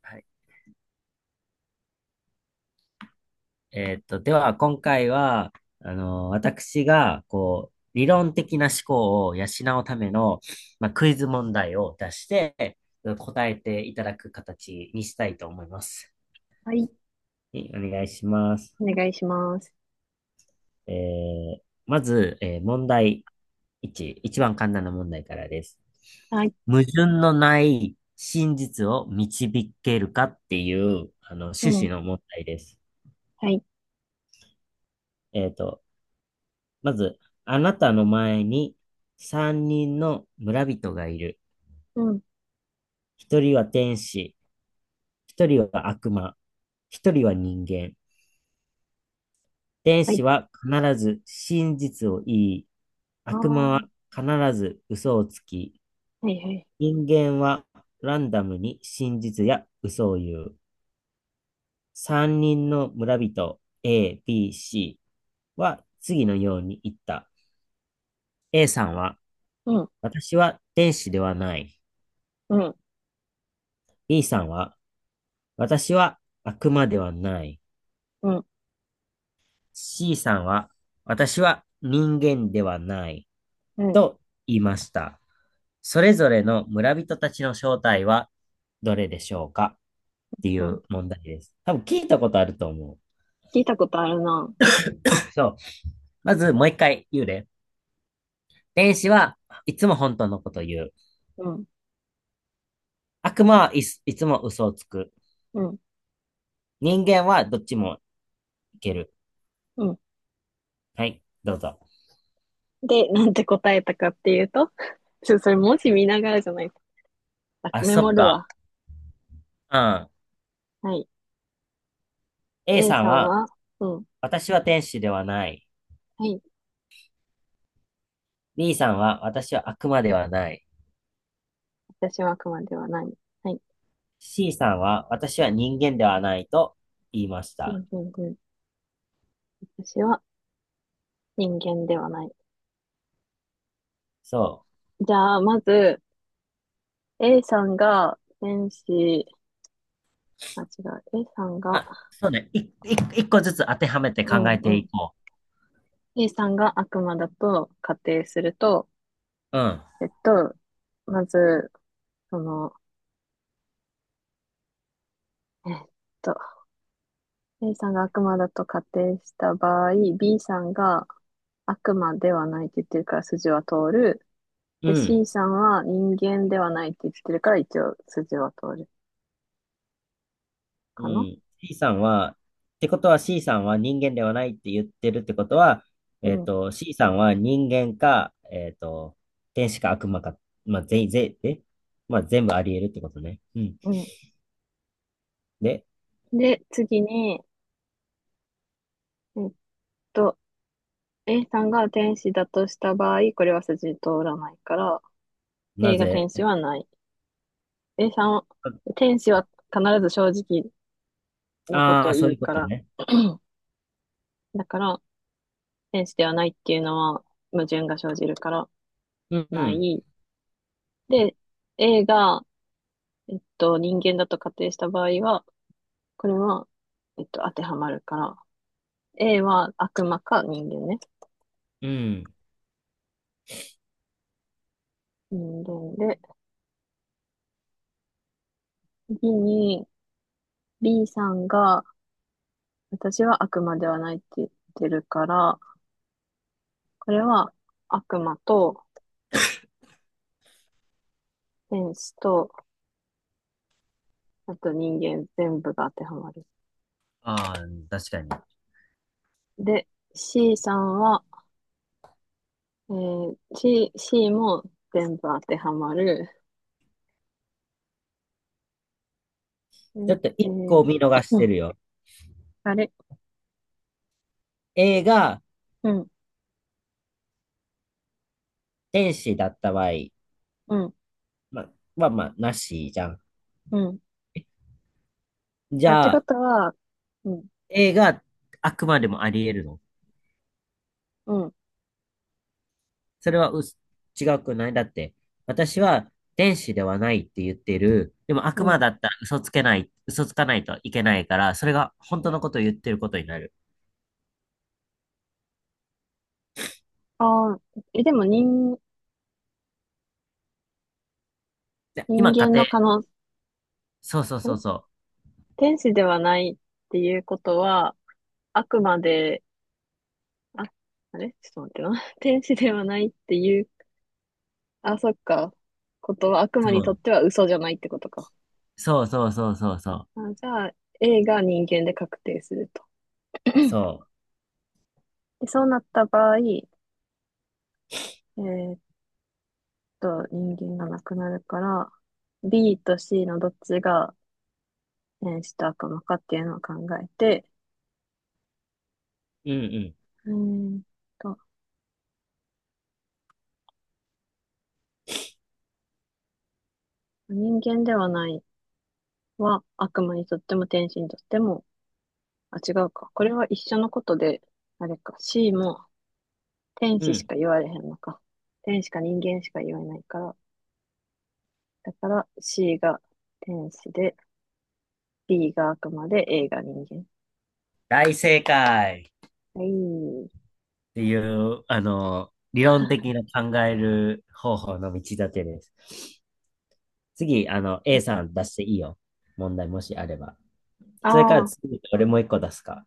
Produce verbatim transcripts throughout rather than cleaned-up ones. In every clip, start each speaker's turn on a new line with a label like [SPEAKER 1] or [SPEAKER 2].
[SPEAKER 1] はい。えーっと、では、今回は、あの、私が、こう、理論的な思考を養うための、まあ、クイズ問題を出して、答えていただく形にしたいと思います。
[SPEAKER 2] はい。
[SPEAKER 1] はい、お願いします。
[SPEAKER 2] お願いします。
[SPEAKER 1] えー、まず、えー問題いち、一番簡単な問題からです。
[SPEAKER 2] はい。
[SPEAKER 1] 矛盾のない真実を導けるかっていう、あの、
[SPEAKER 2] う
[SPEAKER 1] 趣
[SPEAKER 2] ん。
[SPEAKER 1] 旨の問題です。
[SPEAKER 2] はい。
[SPEAKER 1] えーっと、まず、あなたの前に三人の村人がいる。
[SPEAKER 2] うん。
[SPEAKER 1] 一人は天使、一人は悪魔、一人は人間。天
[SPEAKER 2] はい。
[SPEAKER 1] 使は必ず真実を言い、
[SPEAKER 2] ああ。
[SPEAKER 1] 悪魔は
[SPEAKER 2] は
[SPEAKER 1] 必ず嘘をつき、
[SPEAKER 2] いはい。
[SPEAKER 1] 人間はランダムに真実や嘘を言う。三人の村人 A、B、C は次のように言った。A さんは、
[SPEAKER 2] うん。
[SPEAKER 1] 私は天使ではない。
[SPEAKER 2] うん。
[SPEAKER 1] B さんは、私は悪魔ではない。
[SPEAKER 2] うん。
[SPEAKER 1] C さんは、私は人間ではない。
[SPEAKER 2] うん。
[SPEAKER 1] と言いました。それぞれの村人たちの正体はどれでしょうかってい
[SPEAKER 2] う
[SPEAKER 1] う
[SPEAKER 2] ん。
[SPEAKER 1] 問題です。多分聞いたことあると思う。
[SPEAKER 2] 聞いたことあるな。
[SPEAKER 1] そう。まずもう一回言うね。天使はいつも本当のこと言う。
[SPEAKER 2] うん。
[SPEAKER 1] 悪魔はいついつも嘘をつく。
[SPEAKER 2] うん。
[SPEAKER 1] 人間はどっちもいける。
[SPEAKER 2] うん。
[SPEAKER 1] はい、どうぞ。
[SPEAKER 2] で、なんて答えたかっていうと、ちょ、それ文字見ながらじゃないと。あ、
[SPEAKER 1] あ、
[SPEAKER 2] メ
[SPEAKER 1] そ
[SPEAKER 2] モ
[SPEAKER 1] っ
[SPEAKER 2] る
[SPEAKER 1] か。
[SPEAKER 2] わ。
[SPEAKER 1] うん。
[SPEAKER 2] はい。
[SPEAKER 1] A
[SPEAKER 2] A
[SPEAKER 1] さん
[SPEAKER 2] さん
[SPEAKER 1] は
[SPEAKER 2] は、うん。
[SPEAKER 1] 私は天使ではない。
[SPEAKER 2] はい。
[SPEAKER 1] B さんは私は悪魔ではない。
[SPEAKER 2] 私は熊ではない。はい。
[SPEAKER 1] C さんは私は人間ではないと言いまし
[SPEAKER 2] う
[SPEAKER 1] た。
[SPEAKER 2] ん。うん。うん。私は人間ではない。
[SPEAKER 1] そう。
[SPEAKER 2] じゃあ、まず、A さんが天使、あ、違う。A さん
[SPEAKER 1] ま
[SPEAKER 2] が、
[SPEAKER 1] あ、そうね。い、い、一個ずつ当てはめて
[SPEAKER 2] う
[SPEAKER 1] 考え
[SPEAKER 2] ん。
[SPEAKER 1] て
[SPEAKER 2] う
[SPEAKER 1] い
[SPEAKER 2] ん、
[SPEAKER 1] こ
[SPEAKER 2] A さんが悪魔だと仮定すると、
[SPEAKER 1] う。うん。
[SPEAKER 2] えっと、まず、その、えっと、A さんが悪魔だと仮定した場合、B さんが悪魔ではないって言ってるから筋は通る。
[SPEAKER 1] う
[SPEAKER 2] で、
[SPEAKER 1] ん。
[SPEAKER 2] C さんは人間ではないって言ってるから一応筋は通る
[SPEAKER 1] う
[SPEAKER 2] かな。
[SPEAKER 1] ん。C さんは、ってことは C さんは人間ではないって言ってるってことは、
[SPEAKER 2] う
[SPEAKER 1] えっ
[SPEAKER 2] ん。
[SPEAKER 1] と、C さんは人間か、えっと、天使か悪魔か、まあ、全員、ぜえまあ、全部あり得るってことね。うん。
[SPEAKER 2] うん。
[SPEAKER 1] で、
[SPEAKER 2] で、次に、えっと、A さんが天使だとした場合、これは筋通らないから、
[SPEAKER 1] な
[SPEAKER 2] A が
[SPEAKER 1] ぜ
[SPEAKER 2] 天使はない。A さんは、天使は必ず正直なこ
[SPEAKER 1] あ
[SPEAKER 2] と
[SPEAKER 1] あ
[SPEAKER 2] を
[SPEAKER 1] ー、そ
[SPEAKER 2] 言
[SPEAKER 1] うい
[SPEAKER 2] う
[SPEAKER 1] うこ
[SPEAKER 2] か
[SPEAKER 1] と
[SPEAKER 2] ら、
[SPEAKER 1] ね。
[SPEAKER 2] だから、天使ではないっていうのは矛盾が生じるから、
[SPEAKER 1] う
[SPEAKER 2] な
[SPEAKER 1] ん、
[SPEAKER 2] い。で、A が、えっと、人間だと仮定した場合は、これは、えっと、当てはまるから、A は悪魔か人間ね。
[SPEAKER 1] うん。
[SPEAKER 2] 人間で、次に B さんが、私は悪魔ではないって言ってるから、これは悪魔と天使と、あと人間全部が当てはまる。
[SPEAKER 1] ああ、確かに。
[SPEAKER 2] で、C さんは、えー、C、C も全部当てはまる。え、
[SPEAKER 1] ちょっと
[SPEAKER 2] え
[SPEAKER 1] 一個
[SPEAKER 2] ー
[SPEAKER 1] を見逃し
[SPEAKER 2] う
[SPEAKER 1] て
[SPEAKER 2] ん、
[SPEAKER 1] るよ。
[SPEAKER 2] あれ、
[SPEAKER 1] A が
[SPEAKER 2] うん、
[SPEAKER 1] 天使だった場合、
[SPEAKER 2] うん、
[SPEAKER 1] まあ、まあまあ、なしじゃん。
[SPEAKER 2] うん。
[SPEAKER 1] じ
[SPEAKER 2] あ、って
[SPEAKER 1] ゃ
[SPEAKER 2] こ
[SPEAKER 1] あ、
[SPEAKER 2] とは、うん、
[SPEAKER 1] A があくまでもあり得るの
[SPEAKER 2] うん、
[SPEAKER 1] それはうす違くないだって、私は天使ではないって言ってる。でも
[SPEAKER 2] う
[SPEAKER 1] 悪魔
[SPEAKER 2] ん。
[SPEAKER 1] だったら嘘つけない、嘘つかないといけないから、それが本当のことを言ってることになる。
[SPEAKER 2] ああ、え、でも人、
[SPEAKER 1] で
[SPEAKER 2] 人
[SPEAKER 1] 今、家
[SPEAKER 2] 間の
[SPEAKER 1] 庭、
[SPEAKER 2] 可能、ん
[SPEAKER 1] そうそうそうそう。
[SPEAKER 2] 天使ではないっていうことは、あくまで、あ、あれちょっと待ってな。天使ではないっていう、あ、そっか。ことは悪魔にとっては嘘じゃないってことか。
[SPEAKER 1] そう、そうそうそうそうそう。
[SPEAKER 2] あ、じゃあ、A が人間で確定すると。
[SPEAKER 1] そ
[SPEAKER 2] で、そうなった場合、えーと人間がなくなるから、B と C のどっちが変死と悪魔かっていうのを考えて、
[SPEAKER 1] う。うんうん。
[SPEAKER 2] えーっと、人間ではないは悪魔にとっても天使にとっても、あ、違うか。これは一緒のことで、あれか、C も天
[SPEAKER 1] う
[SPEAKER 2] 使し
[SPEAKER 1] ん。
[SPEAKER 2] か言われへんのか。天使か人間しか言えないから、だから C が天使で、B が悪魔で、A が人間。
[SPEAKER 1] 大正解っ
[SPEAKER 2] はい。
[SPEAKER 1] ていう、あの、理論的な考える方法の道立てです。次、あの、A さん出していいよ。問題もしあれば。
[SPEAKER 2] あ
[SPEAKER 1] それから
[SPEAKER 2] あー、
[SPEAKER 1] 次、俺もう一個出すか。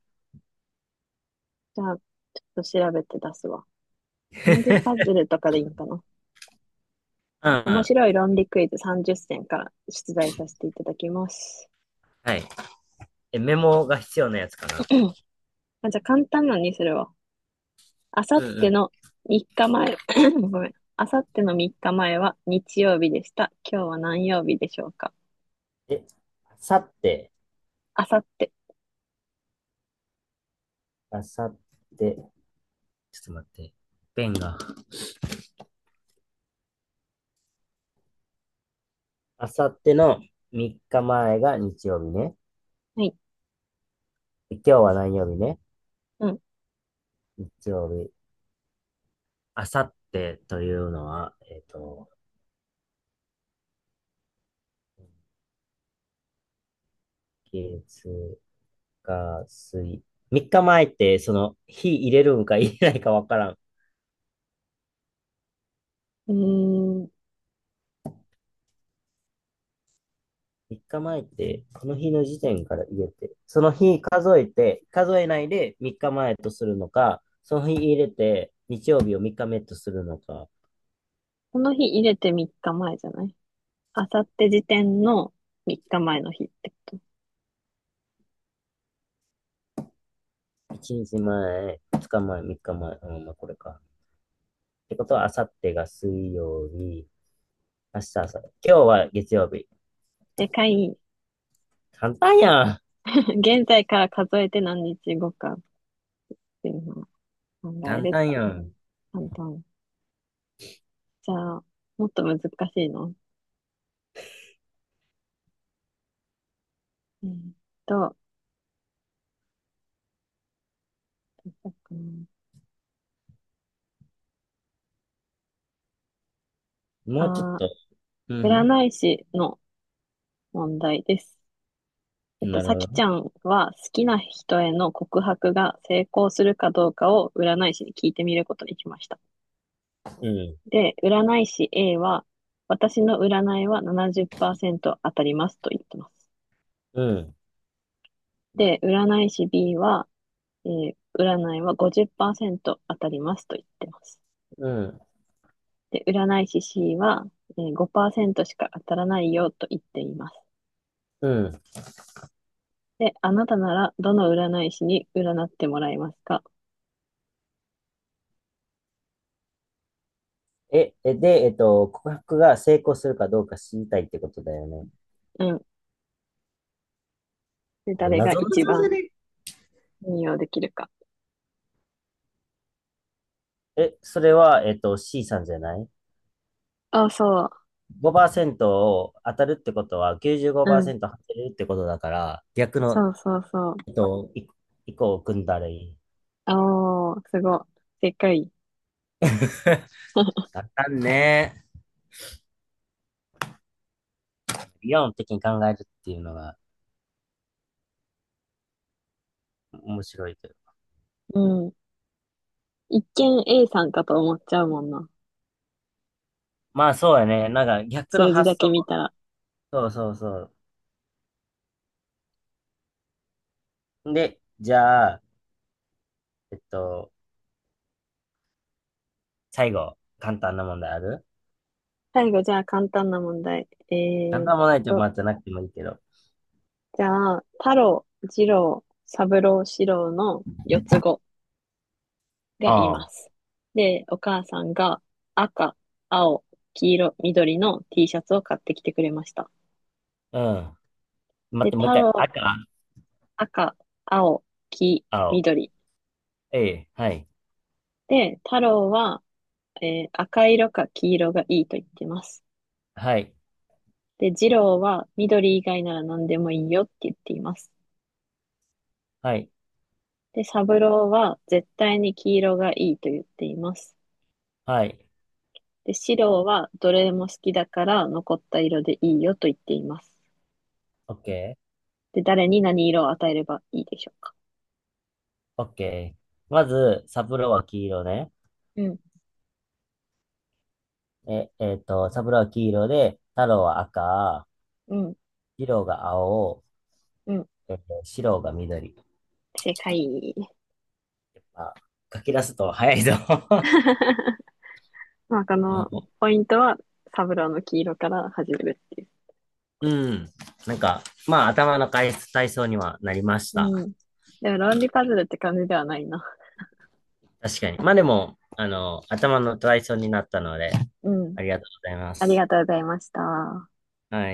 [SPEAKER 2] じゃあ、ちょっと調べて出すわ。何時パズルとかでいいんかな。
[SPEAKER 1] うんう
[SPEAKER 2] 面
[SPEAKER 1] ん。
[SPEAKER 2] 白い論理クイズさんじゅっせんから出題させていただきます。
[SPEAKER 1] はい。え、メモが必要なやつかな。
[SPEAKER 2] あ、じゃあ簡単なのにするわ。あさ
[SPEAKER 1] う
[SPEAKER 2] っ
[SPEAKER 1] んう
[SPEAKER 2] て
[SPEAKER 1] ん。
[SPEAKER 2] のみっかまえ、ごめん。あさってのみっかまえは日曜日でした。今日は何曜日でしょうか。
[SPEAKER 1] え、あさって、
[SPEAKER 2] あさって。
[SPEAKER 1] あさって、ちょっと待って。ペンが。あさってのさんにちまえが日曜日ね。
[SPEAKER 2] はい。
[SPEAKER 1] で今日は何曜日ね。
[SPEAKER 2] うん。
[SPEAKER 1] 日曜日。あさってというのは、えっ、と、月、火、水。さんにちまえって、その、日入れるんか入れないかわからん。
[SPEAKER 2] うーん。
[SPEAKER 1] さんにちまえって、この日の時点から入れて、その日数えて、数えないでさんにちまえとするのか、その日入れて、日曜日をみっかめとするのか、
[SPEAKER 2] この日入れてみっかまえじゃないあさって時点のみっかまえの日ってこと。
[SPEAKER 1] いちにちまえ、ふつかまえ、さんにちまえ、うん、まあこれか。ってことは、あさってが水曜日、明日朝、今日は月曜日。
[SPEAKER 2] でかい。
[SPEAKER 1] 簡単やん。
[SPEAKER 2] 現在から数えて何日後かっていうのを考え
[SPEAKER 1] 簡
[SPEAKER 2] るっ
[SPEAKER 1] 単
[SPEAKER 2] てい
[SPEAKER 1] や
[SPEAKER 2] う。
[SPEAKER 1] ん。
[SPEAKER 2] 簡単。じゃあ、もっと難しいのえーっと、
[SPEAKER 1] もうちょっ
[SPEAKER 2] あ
[SPEAKER 1] と。う
[SPEAKER 2] ー、
[SPEAKER 1] ん。
[SPEAKER 2] 占い師の問題です。えっと、
[SPEAKER 1] なる
[SPEAKER 2] さ
[SPEAKER 1] ほ
[SPEAKER 2] きち
[SPEAKER 1] ど。
[SPEAKER 2] ゃんは好きな人への告白が成功するかどうかを占い師に聞いてみることにしました。
[SPEAKER 1] うん。
[SPEAKER 2] で、占い師 A は、私の占いはななじゅっパーセント当たりますと言ってます。
[SPEAKER 1] うん。
[SPEAKER 2] で、占い師 B は、えー占いはごじゅっパーセント当たりますと言ってます。
[SPEAKER 1] うん、
[SPEAKER 2] で、占い師 C は、えーごパーセントしか当たらないよと言っています。
[SPEAKER 1] うん。
[SPEAKER 2] で、あなたならどの占い師に占ってもらいますか？
[SPEAKER 1] え、え、で、えっと、告白が成功するかどうか知りたいってことだよね。
[SPEAKER 2] うん。で、
[SPEAKER 1] これ、
[SPEAKER 2] 誰が
[SPEAKER 1] 謎々
[SPEAKER 2] 一
[SPEAKER 1] じゃ
[SPEAKER 2] 番
[SPEAKER 1] ね
[SPEAKER 2] 信用できるか。
[SPEAKER 1] え、それは、えっと、C さんじゃない。
[SPEAKER 2] あ、そう。
[SPEAKER 1] ごパーセントを当たるってことは
[SPEAKER 2] うん。
[SPEAKER 1] きゅうじゅうごパーセント当てるってことだから、逆の、
[SPEAKER 2] そうそうそう。
[SPEAKER 1] えっと、い一個を組んだらいい。
[SPEAKER 2] あおー、すごい。でっかい。
[SPEAKER 1] あかんね。理論的に考えるっていうのが面白いけど。
[SPEAKER 2] うん。一見 A さんかと思っちゃうもんな。
[SPEAKER 1] まあそうやね。なんか逆の
[SPEAKER 2] 数字だ
[SPEAKER 1] 発
[SPEAKER 2] け
[SPEAKER 1] 想。
[SPEAKER 2] 見たら。
[SPEAKER 1] そうそうそう。で、じゃあ、えっと、最後、簡単な問題ある？
[SPEAKER 2] 最後、じゃあ簡単な問題。
[SPEAKER 1] なん
[SPEAKER 2] えーっ
[SPEAKER 1] もないとこ
[SPEAKER 2] と、
[SPEAKER 1] まじゃなくてもいいけど。
[SPEAKER 2] じゃあ、太郎、次郎、三郎、四郎の四つ子がい
[SPEAKER 1] あ
[SPEAKER 2] ま
[SPEAKER 1] あ、
[SPEAKER 2] す。で、お母さんが赤、青、黄色、緑の T シャツを買ってきてくれました。
[SPEAKER 1] うん。待っ
[SPEAKER 2] で、
[SPEAKER 1] て、もう一
[SPEAKER 2] 太
[SPEAKER 1] 回。
[SPEAKER 2] 郎、
[SPEAKER 1] 赤、
[SPEAKER 2] 赤、青、黄、
[SPEAKER 1] 青、
[SPEAKER 2] 緑。
[SPEAKER 1] ええ、はい、
[SPEAKER 2] で、太郎は、えー赤色か黄色がいいと言ってます。
[SPEAKER 1] はい、
[SPEAKER 2] で、次郎は緑以外なら何でもいいよって言っています。
[SPEAKER 1] はい、
[SPEAKER 2] で、三郎は絶対に黄色がいいと言っています。
[SPEAKER 1] はい、
[SPEAKER 2] で、四郎はどれも好きだから残った色でいいよと言っています。
[SPEAKER 1] オッケ
[SPEAKER 2] で、誰に何色を与えればいいでしょうか？
[SPEAKER 1] ー、オッケー。まず、サブローは黄色ね。
[SPEAKER 2] うん、
[SPEAKER 1] え、えっと、サブローは黄色で、太郎は赤、
[SPEAKER 2] うん、
[SPEAKER 1] 二郎が青、
[SPEAKER 2] うん。
[SPEAKER 1] えっと、白が緑。
[SPEAKER 2] 正解。
[SPEAKER 1] まあ、書き出すと早いぞ。
[SPEAKER 2] まあ、この ポイントは、サブローの黄色から始めるっていう。
[SPEAKER 1] うん。なんか、まあ、頭の体体操にはなりまし
[SPEAKER 2] う
[SPEAKER 1] た。
[SPEAKER 2] ん。でも、論理パズルって感じではないな。
[SPEAKER 1] 確かに。まあでも、あの、頭の体操になったので、
[SPEAKER 2] うん。
[SPEAKER 1] ありがとうございま
[SPEAKER 2] あり
[SPEAKER 1] す。
[SPEAKER 2] がとうございました。
[SPEAKER 1] はい。